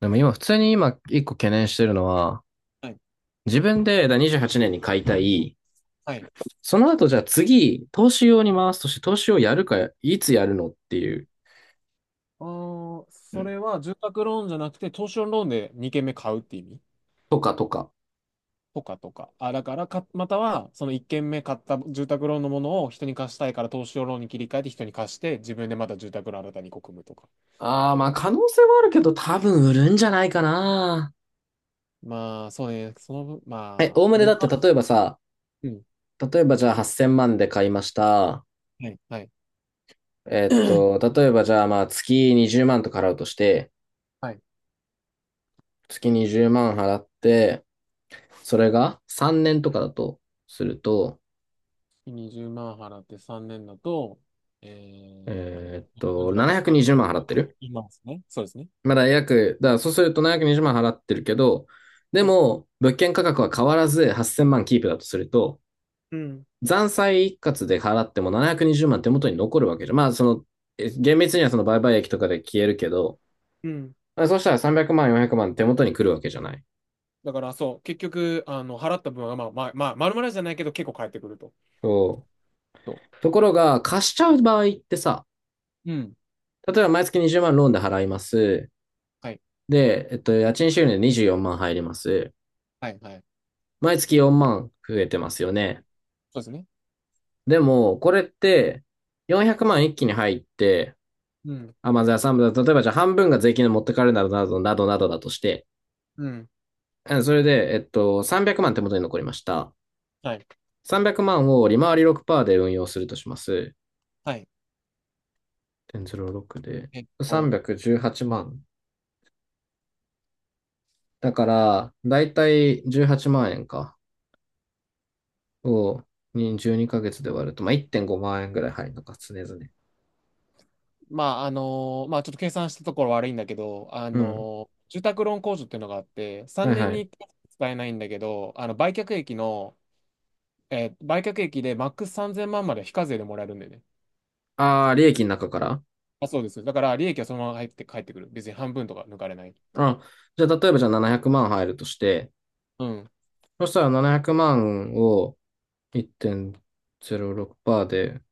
でも今、普通に今、一個懸念してるのは、はい。自分で28年に買いたい、はい。その後じゃあ次、投資用に回すとして、投資をやるか、いつやるのっていう、それは住宅ローンじゃなくて、投資用ローンで2軒目買うって意味とかとか。とかとか。あ、だからか、または、その1軒目買った住宅ローンのものを人に貸したいから投資用ローンに切り替えて人に貸して、自分でまた住宅ローン新たにこう組むとか。ああ、まあ可能性はあるけど、多分売るんじゃないかな。まあ、そうね。その分、まおあ、おむねだ利って回例えばさ、りうん。例えばじゃあ8000万で買いました。はい。はい。例えばじゃあまあ月20万とか払うとして、はい。月20万払って、それが3年とかだとすると、20万払って3年だと、え4かける、まあ720万払の、ってる今ですね。そうですね。だからそうすると720万払ってるけど、ではいも、物件価格は変わらず8000万キープだとすると、うん。残債一括で払っても720万手元に残るわけじゃん。まあ、その、厳密にはその売買益とかで消えるけど、うん。そうしたら300万、400万手元に来るわけじゃない。だからそう、結局、払った分は、まあ、まあ、まあ、丸々じゃないけど、結構返ってくると。そう。そところが、貸しちゃう場合ってさ、う。うん。例えば毎月20万ローンで払います。はい。で、家賃収入で24万入ります。はい、はい。毎月4万増えてますよね。そうですね。でも、これって、400万一気に入って、うん。あ、まあ、じゃあ3分、例えばじゃあ半分が税金で持ってかれるなどなどなどなどだとして、うん。うんそれで、300万手元に残りました。はい。300万を利回り6%で運用するとします。はい。0.06で。えっと、318万。だから、だいたい18万円か。を、に12ヶ月で割ると、まあ、1.5万円ぐらい入るのか、常々。まあ、ちょっと計算したところ悪いんだけど、うん。住宅ローン控除っていうのがあって、は3い年はにいい。っかい使えないんだけど、売却益でマックス3000万まんまで非課税でもらえるんだよね。ああ、利益の中から。あ、そうです。だから、利益はそのまま入って帰ってくる。別に半分とか抜かれない。あ、じゃあ、例えばじゃあ700万入るとして、うん。そしたら700万を1.06%で、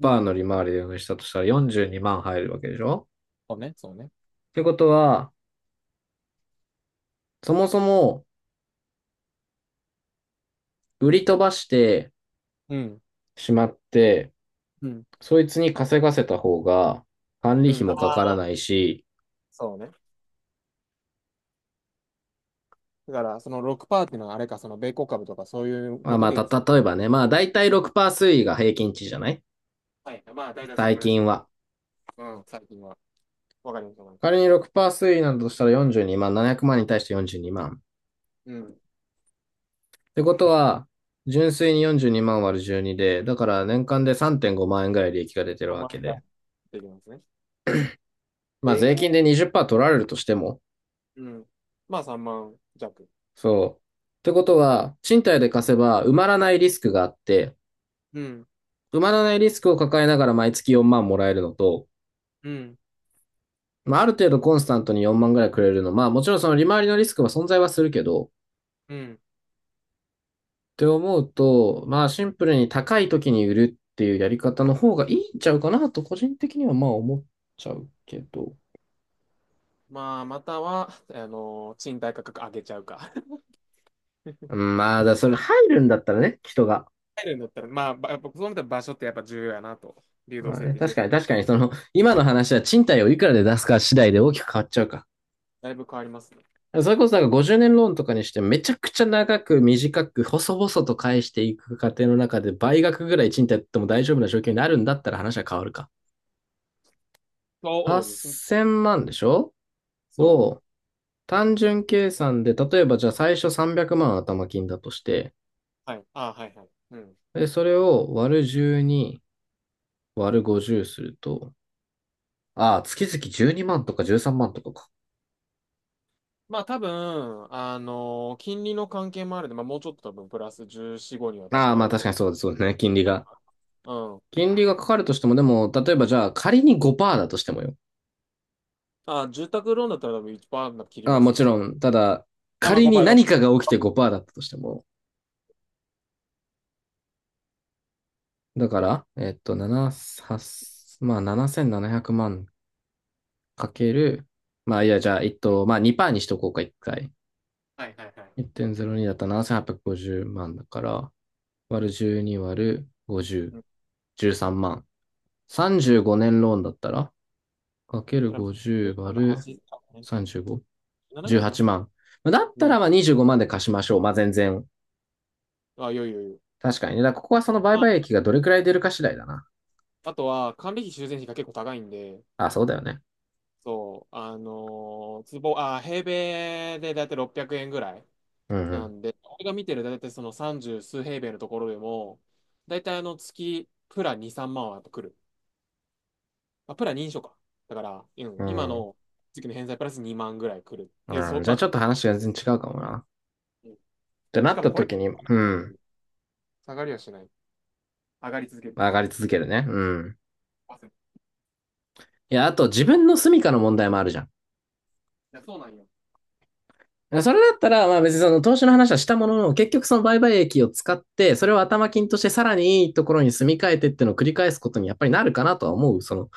うん。の利回りでしたとしたら42万入るわけでしょ。そうね、そうね。ってことは、そもそも売り飛ばしてうん。しまって、うんそいつに稼がせた方が管理う費ん、あもかからあ、ないし、そうね。だから、その6%っていうのはあれか、その米国株とかそういうまこあまとあ、でいいです。例えばね、まあ大体6%推移が平均値じゃないはい。まあ、大体その最ぐらいで近す。は。うん、最近は。わかります、わかりま仮にす。6%推移なんだとしたら42万、700万に対して42万。うん。てことは、純粋に42万割る12で、だから年間で3.5万円ぐらい利益が出てる3わ万け円からで。できますね。まあで税け金え、で20%取られるとしても、うん。まあ、3万弱。そう。ってことは、賃貸で貸せば埋まらないリスクがあって、うん、埋まらないリスクを抱えながら毎月4万もらえるのと、うん、まあある程度コンスタントに4万ぐらいくれるの、まあもちろんその利回りのリスクは存在はするけど、っうん。て思うと、まあシンプルに高い時に売るっていうやり方の方がいいんちゃうかなと個人的にはまあ思っちゃうけど。まあ、または、賃貸価格上げちゃうか。まあ、それ入るんだったらね、人が。入るんだったら、まあ、やっぱそうなったら場所ってやっぱ重要やなと。流動まあ性っね、て重確かに要。確かに、その、今の話は賃貸をいくらで出すか次第で大きく変わっちゃうか。だいぶ変わりますね。それこそなんか50年ローンとかにしてめちゃくちゃ長く短く細々と返していく過程の中で倍額ぐらい賃貸やっても大丈夫な状況になるんだったら話は変わるか。そうですね。8000万でしょ。そを単純計算で、例えばじゃあ最初300万頭金だとして、う。はい。ああ、はい、はい。うん。で、それを割る12割る50すると、ああ、月々12万とか13万とかか。まあ多分、金利の関係もあるんで、まあもうちょっと多分プラス14、5には多分ああ、なまある確かと。にそうですそうですね。金利が。うん。金利がかかるとしても、でも、例えばじゃあ仮に5%だとしてもよ。あ、住宅ローンだったら多分1%なんか切りああ、まもすね。ちろん。ただ、あ、まあ仮ごパにーセン何かトが起きて5%だったとしても。だから、7、8まあ7700万かける、まあいや、じゃあ、まあ2%にしとこうか、1回。はいはいはい。1.02だったら7850万だから、割る12割る50、うん。13万。う35ん。年ローンだったらかけそるれは、50割7、る8、35、な7ぐらいか18な。万。じゅうはちまあだっうたらん。まあ25万で貸しましょう。まあ全然。あ、よいよいよい。確かにね。だからここはその売買益がどれくらい出るか次第だな。あとは、管理費、修繕費が結構高いんで、あ、そうだよね。そう、あのー坪、あ平米でだいたい600円ぐらいうなんんで、俺が見てるだいたいその30数平米のところでも、だいたい月、プラ2、3万はやっぱ来る。あ、プラ認証か。だから、ううん、今ん。うの月の返済プラス2万ぐらい来るっていう、ん。そうん、う、じゃまあちあ、ょっと話が全然違うかもな。っうんてなしっかもたこれ、時に、うん。下がりはしない。上がり続ける。上がり続けるね。うん。いや、あと自分の住処の問題もあるじゃん。いや、そうなんよ。それだったら、まあ別にその投資の話はしたものの、結局その売買益を使って、それを頭金としてさらにいいところに住み替えてっていうのを繰り返すことにやっぱりなるかなとは思う。その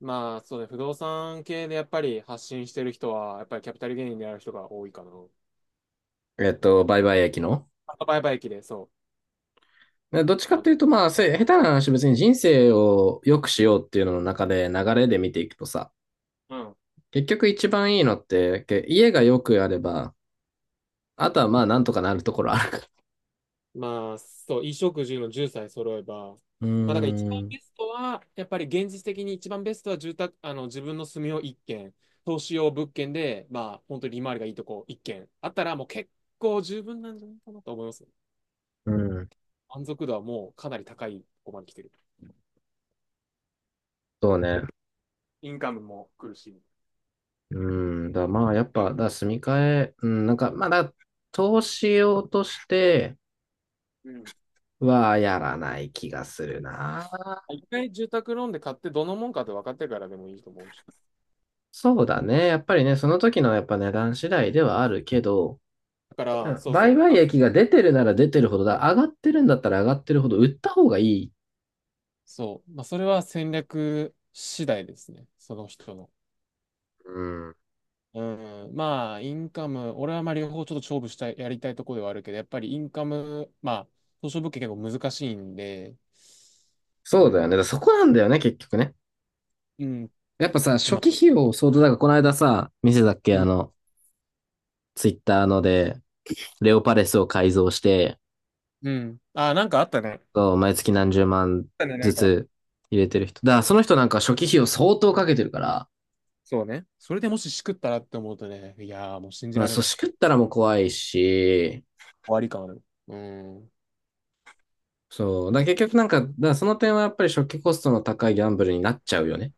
まあ、そうね、不動産系でやっぱり発信してる人は、やっぱりキャピタルゲインである人が多いかな。うん売買益の。あバイバイ駅で、そでどっちう。かっていうと、まあ、下手な話、別に人生を良くしようっていうのの中で流れで見ていくとさ、うん結局一番いいのって、家が良くあれば、あとはまあ、なんとかなるところあるから。まあ、そう、衣食住の10歳揃えば、まうーあ、だから一番ん、ベストは、やっぱり現実的に一番ベストは住宅、自分の住みを1軒、投資用物件で、まあ、本当に利回りがいいとこ1軒あったら、もう結構十分なんじゃないかなと思います。うん、満足度はもうかなり高いとこまで来てる。そうね。インカムも来るし。うん、だからまあ、やっぱ、だから住み替え、うん、なんか、まあ投資用としてうん。はやらない気がするな。一回住宅ローンで買ってどのもんかって分かってからでもいいと思うし。そうだね。やっぱりね、その時のやっぱ値段次第ではあるけど、だかうら、ん、そうそ売う。買あ益が出てるなら出てるほどだ。上がってるんだったら上がってるほど売った方がいい。そう。まあ、それは戦略次第ですね。その人の。うん。うん。まあ、インカム、俺はまあ両方ちょっと勝負したい、やりたいところではあるけど、やっぱりインカム、まあ、東証物件結構難しいんで、うそうだよね。だかん。らそこなんだよね、結局ね。うん。やっぱさ、初まあ、期費用相当だから、この間さ、見せたっけ、うあん。の、ツイッターので、レオパレスを改造して、うん。あ、なんかあったね。あっそう毎月何十万たね、なずんか。つ入れてる人。だからその人なんか初期費用相当かけてるから、そうね。それでもししくったらって思うとね、いやーもう信じまあ、られそう、ない。終しくったらもう怖いし、わり感ある。うん。そう。だから結局なんか、だからその点はやっぱり初期コストの高いギャンブルになっちゃうよね。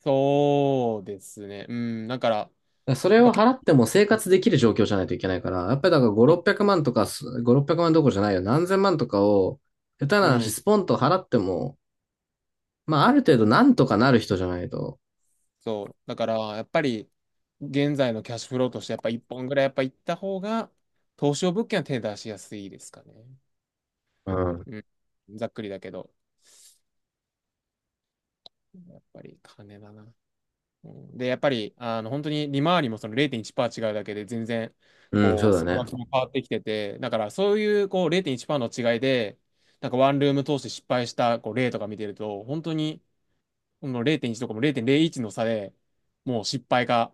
そうですね。うん。だから、やらそれっぱを結払っても生活できる状況じゃないといけないから、やっぱりだから5、構、600万とか5、600万どころじゃないよ。何千万とかを、下手なう話、ん。スポンと払っても、まあ、ある程度なんとかなる人じゃないと。そう。だから、やっぱり、現在のキャッシュフローとして、やっぱ一本ぐらいやっぱ行った方が、投資用物件は手出しやすいですかね。うん。うん。ざっくりだけど、やっぱり金だな。うん、で、やっぱり、本当に利回りもその0.1%違うだけで、全然、うん、こそう、うだ総額ね。も変わってきてて、だからそういう、こう、0.1%の違いで、なんかワンルーム投資失敗したこう例とか見てると、本当に、この0.1とかも0.01の差でもう失敗が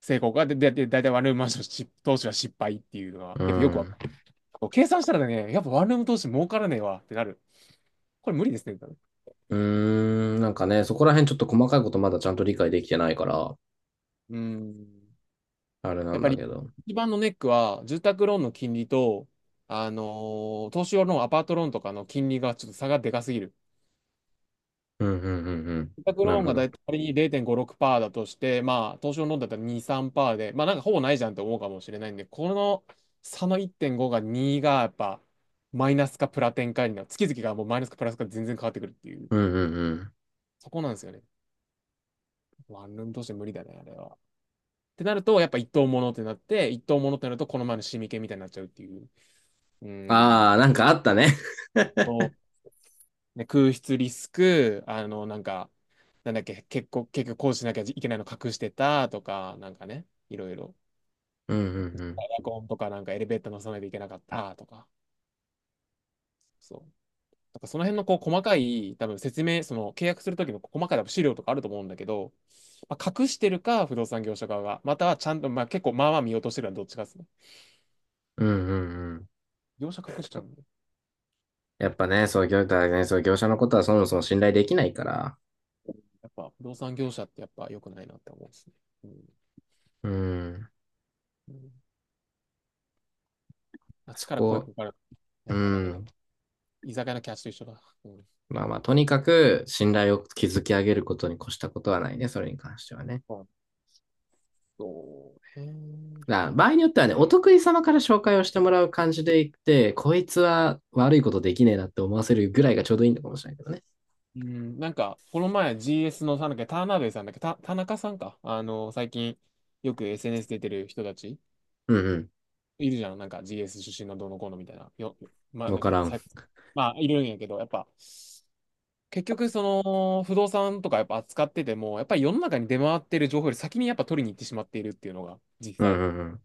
成功が、で、だいたいワンルームマンションし投資は失敗っていうのは、うやっぱよくわん。かる。計算したらね、やっぱワンルーム投資儲からねえわってなる。これ無理ですね、多分。うーん、なんかね、そこら辺ちょっと細かいことまだちゃんと理解できてないから、うーん。あれなやっんぱだりけど。一番のネックは、住宅ローンの金利と、投資用ローンアパートローンとかの金利がちょっと差がでかすぎる。うん、うん、うん、うん。住宅なローるンほがだど。いたい仮に0.56%だとして、まあ、投資のローンだったら2、3%で、まあ、なんかほぼないじゃんって思うかもしれないんで、この差の1.5が2がやっぱ、マイナスかプラ転換になる。月々がもうマイナスかプラスか全然変わってくるっていう、うん、うん、うん。そこなんですよね。ワンルームとして無理だね、あれは。ってなると、やっぱ一等物ってなって、一等物ってなると、この前のシミ系みたいになっちゃうっていう。うーああ、ん。なんかあったね。そうね、空室リスク、なんか、なんだっけ、結構、結局こうしなきゃいけないの隠してたとか、なんかね、いろいろ。うん、うん、うエん。アコンとかなんかエレベーター乗さないといけなかったとか、そう。だからその辺のこう細かい、多分説明、その契約するときの細かい資料とかあると思うんだけど、まあ、隠してるか、不動産業者側が、またはちゃんと、まあ結構まあまあ見落としてるのはどっちかですね。うん、うん、うん。業者隠しちゃうんで、やっぱね、そう、業者のことはそもそも信頼できないから、やっぱ不動産業者ってやっぱ良くないなって思うんですね。うん。うん、うんあっちそから声こ、かかる。うやっぱダメだ。ん、居酒屋のキャッシュと一緒だ。うん。まあまあ、とにかく信頼を築き上げることに越したことはないね、それに関してはね。そうね。だから場合によってはね、お得意様から紹介をしてもらう感じでいって、こいつは悪いことできねえなって思わせるぐらいがちょうどいいのかもしれないけどね。うん、なんか、この前 GS の、なんだっけ、田辺さんだっけ、田中さんか。最近、よく SNS 出てる人たち、うんういるじゃん。なんか GS 出身のどうのこうのみたいな。まあ、ん、わなんかだっけ、らん。まあ、いるんやけど、やっぱ、結局、その、不動産とかやっぱ扱ってても、やっぱり世の中に出回ってる情報より先にやっぱ取りに行ってしまっているっていうのが、実う際。んうん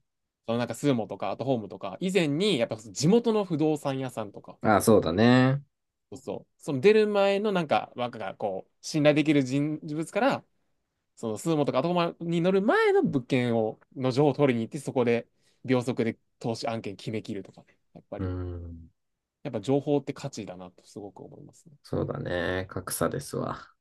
そのなんか、スーモとか、アットホームとか、以前に、やっぱ地元の不動産屋さんとか、うん。ああ、そうだね。そうそう、その出る前のなんか、若がこう、信頼できる人物から、そのスーモとかアトコマに乗る前の物件を、の情報を取りに行って、そこで秒速で投資案件決めきるとかね。やっぱうり、ん、やっぱ情報って価値だなとすごく思いますね。そうだね。格差ですわ。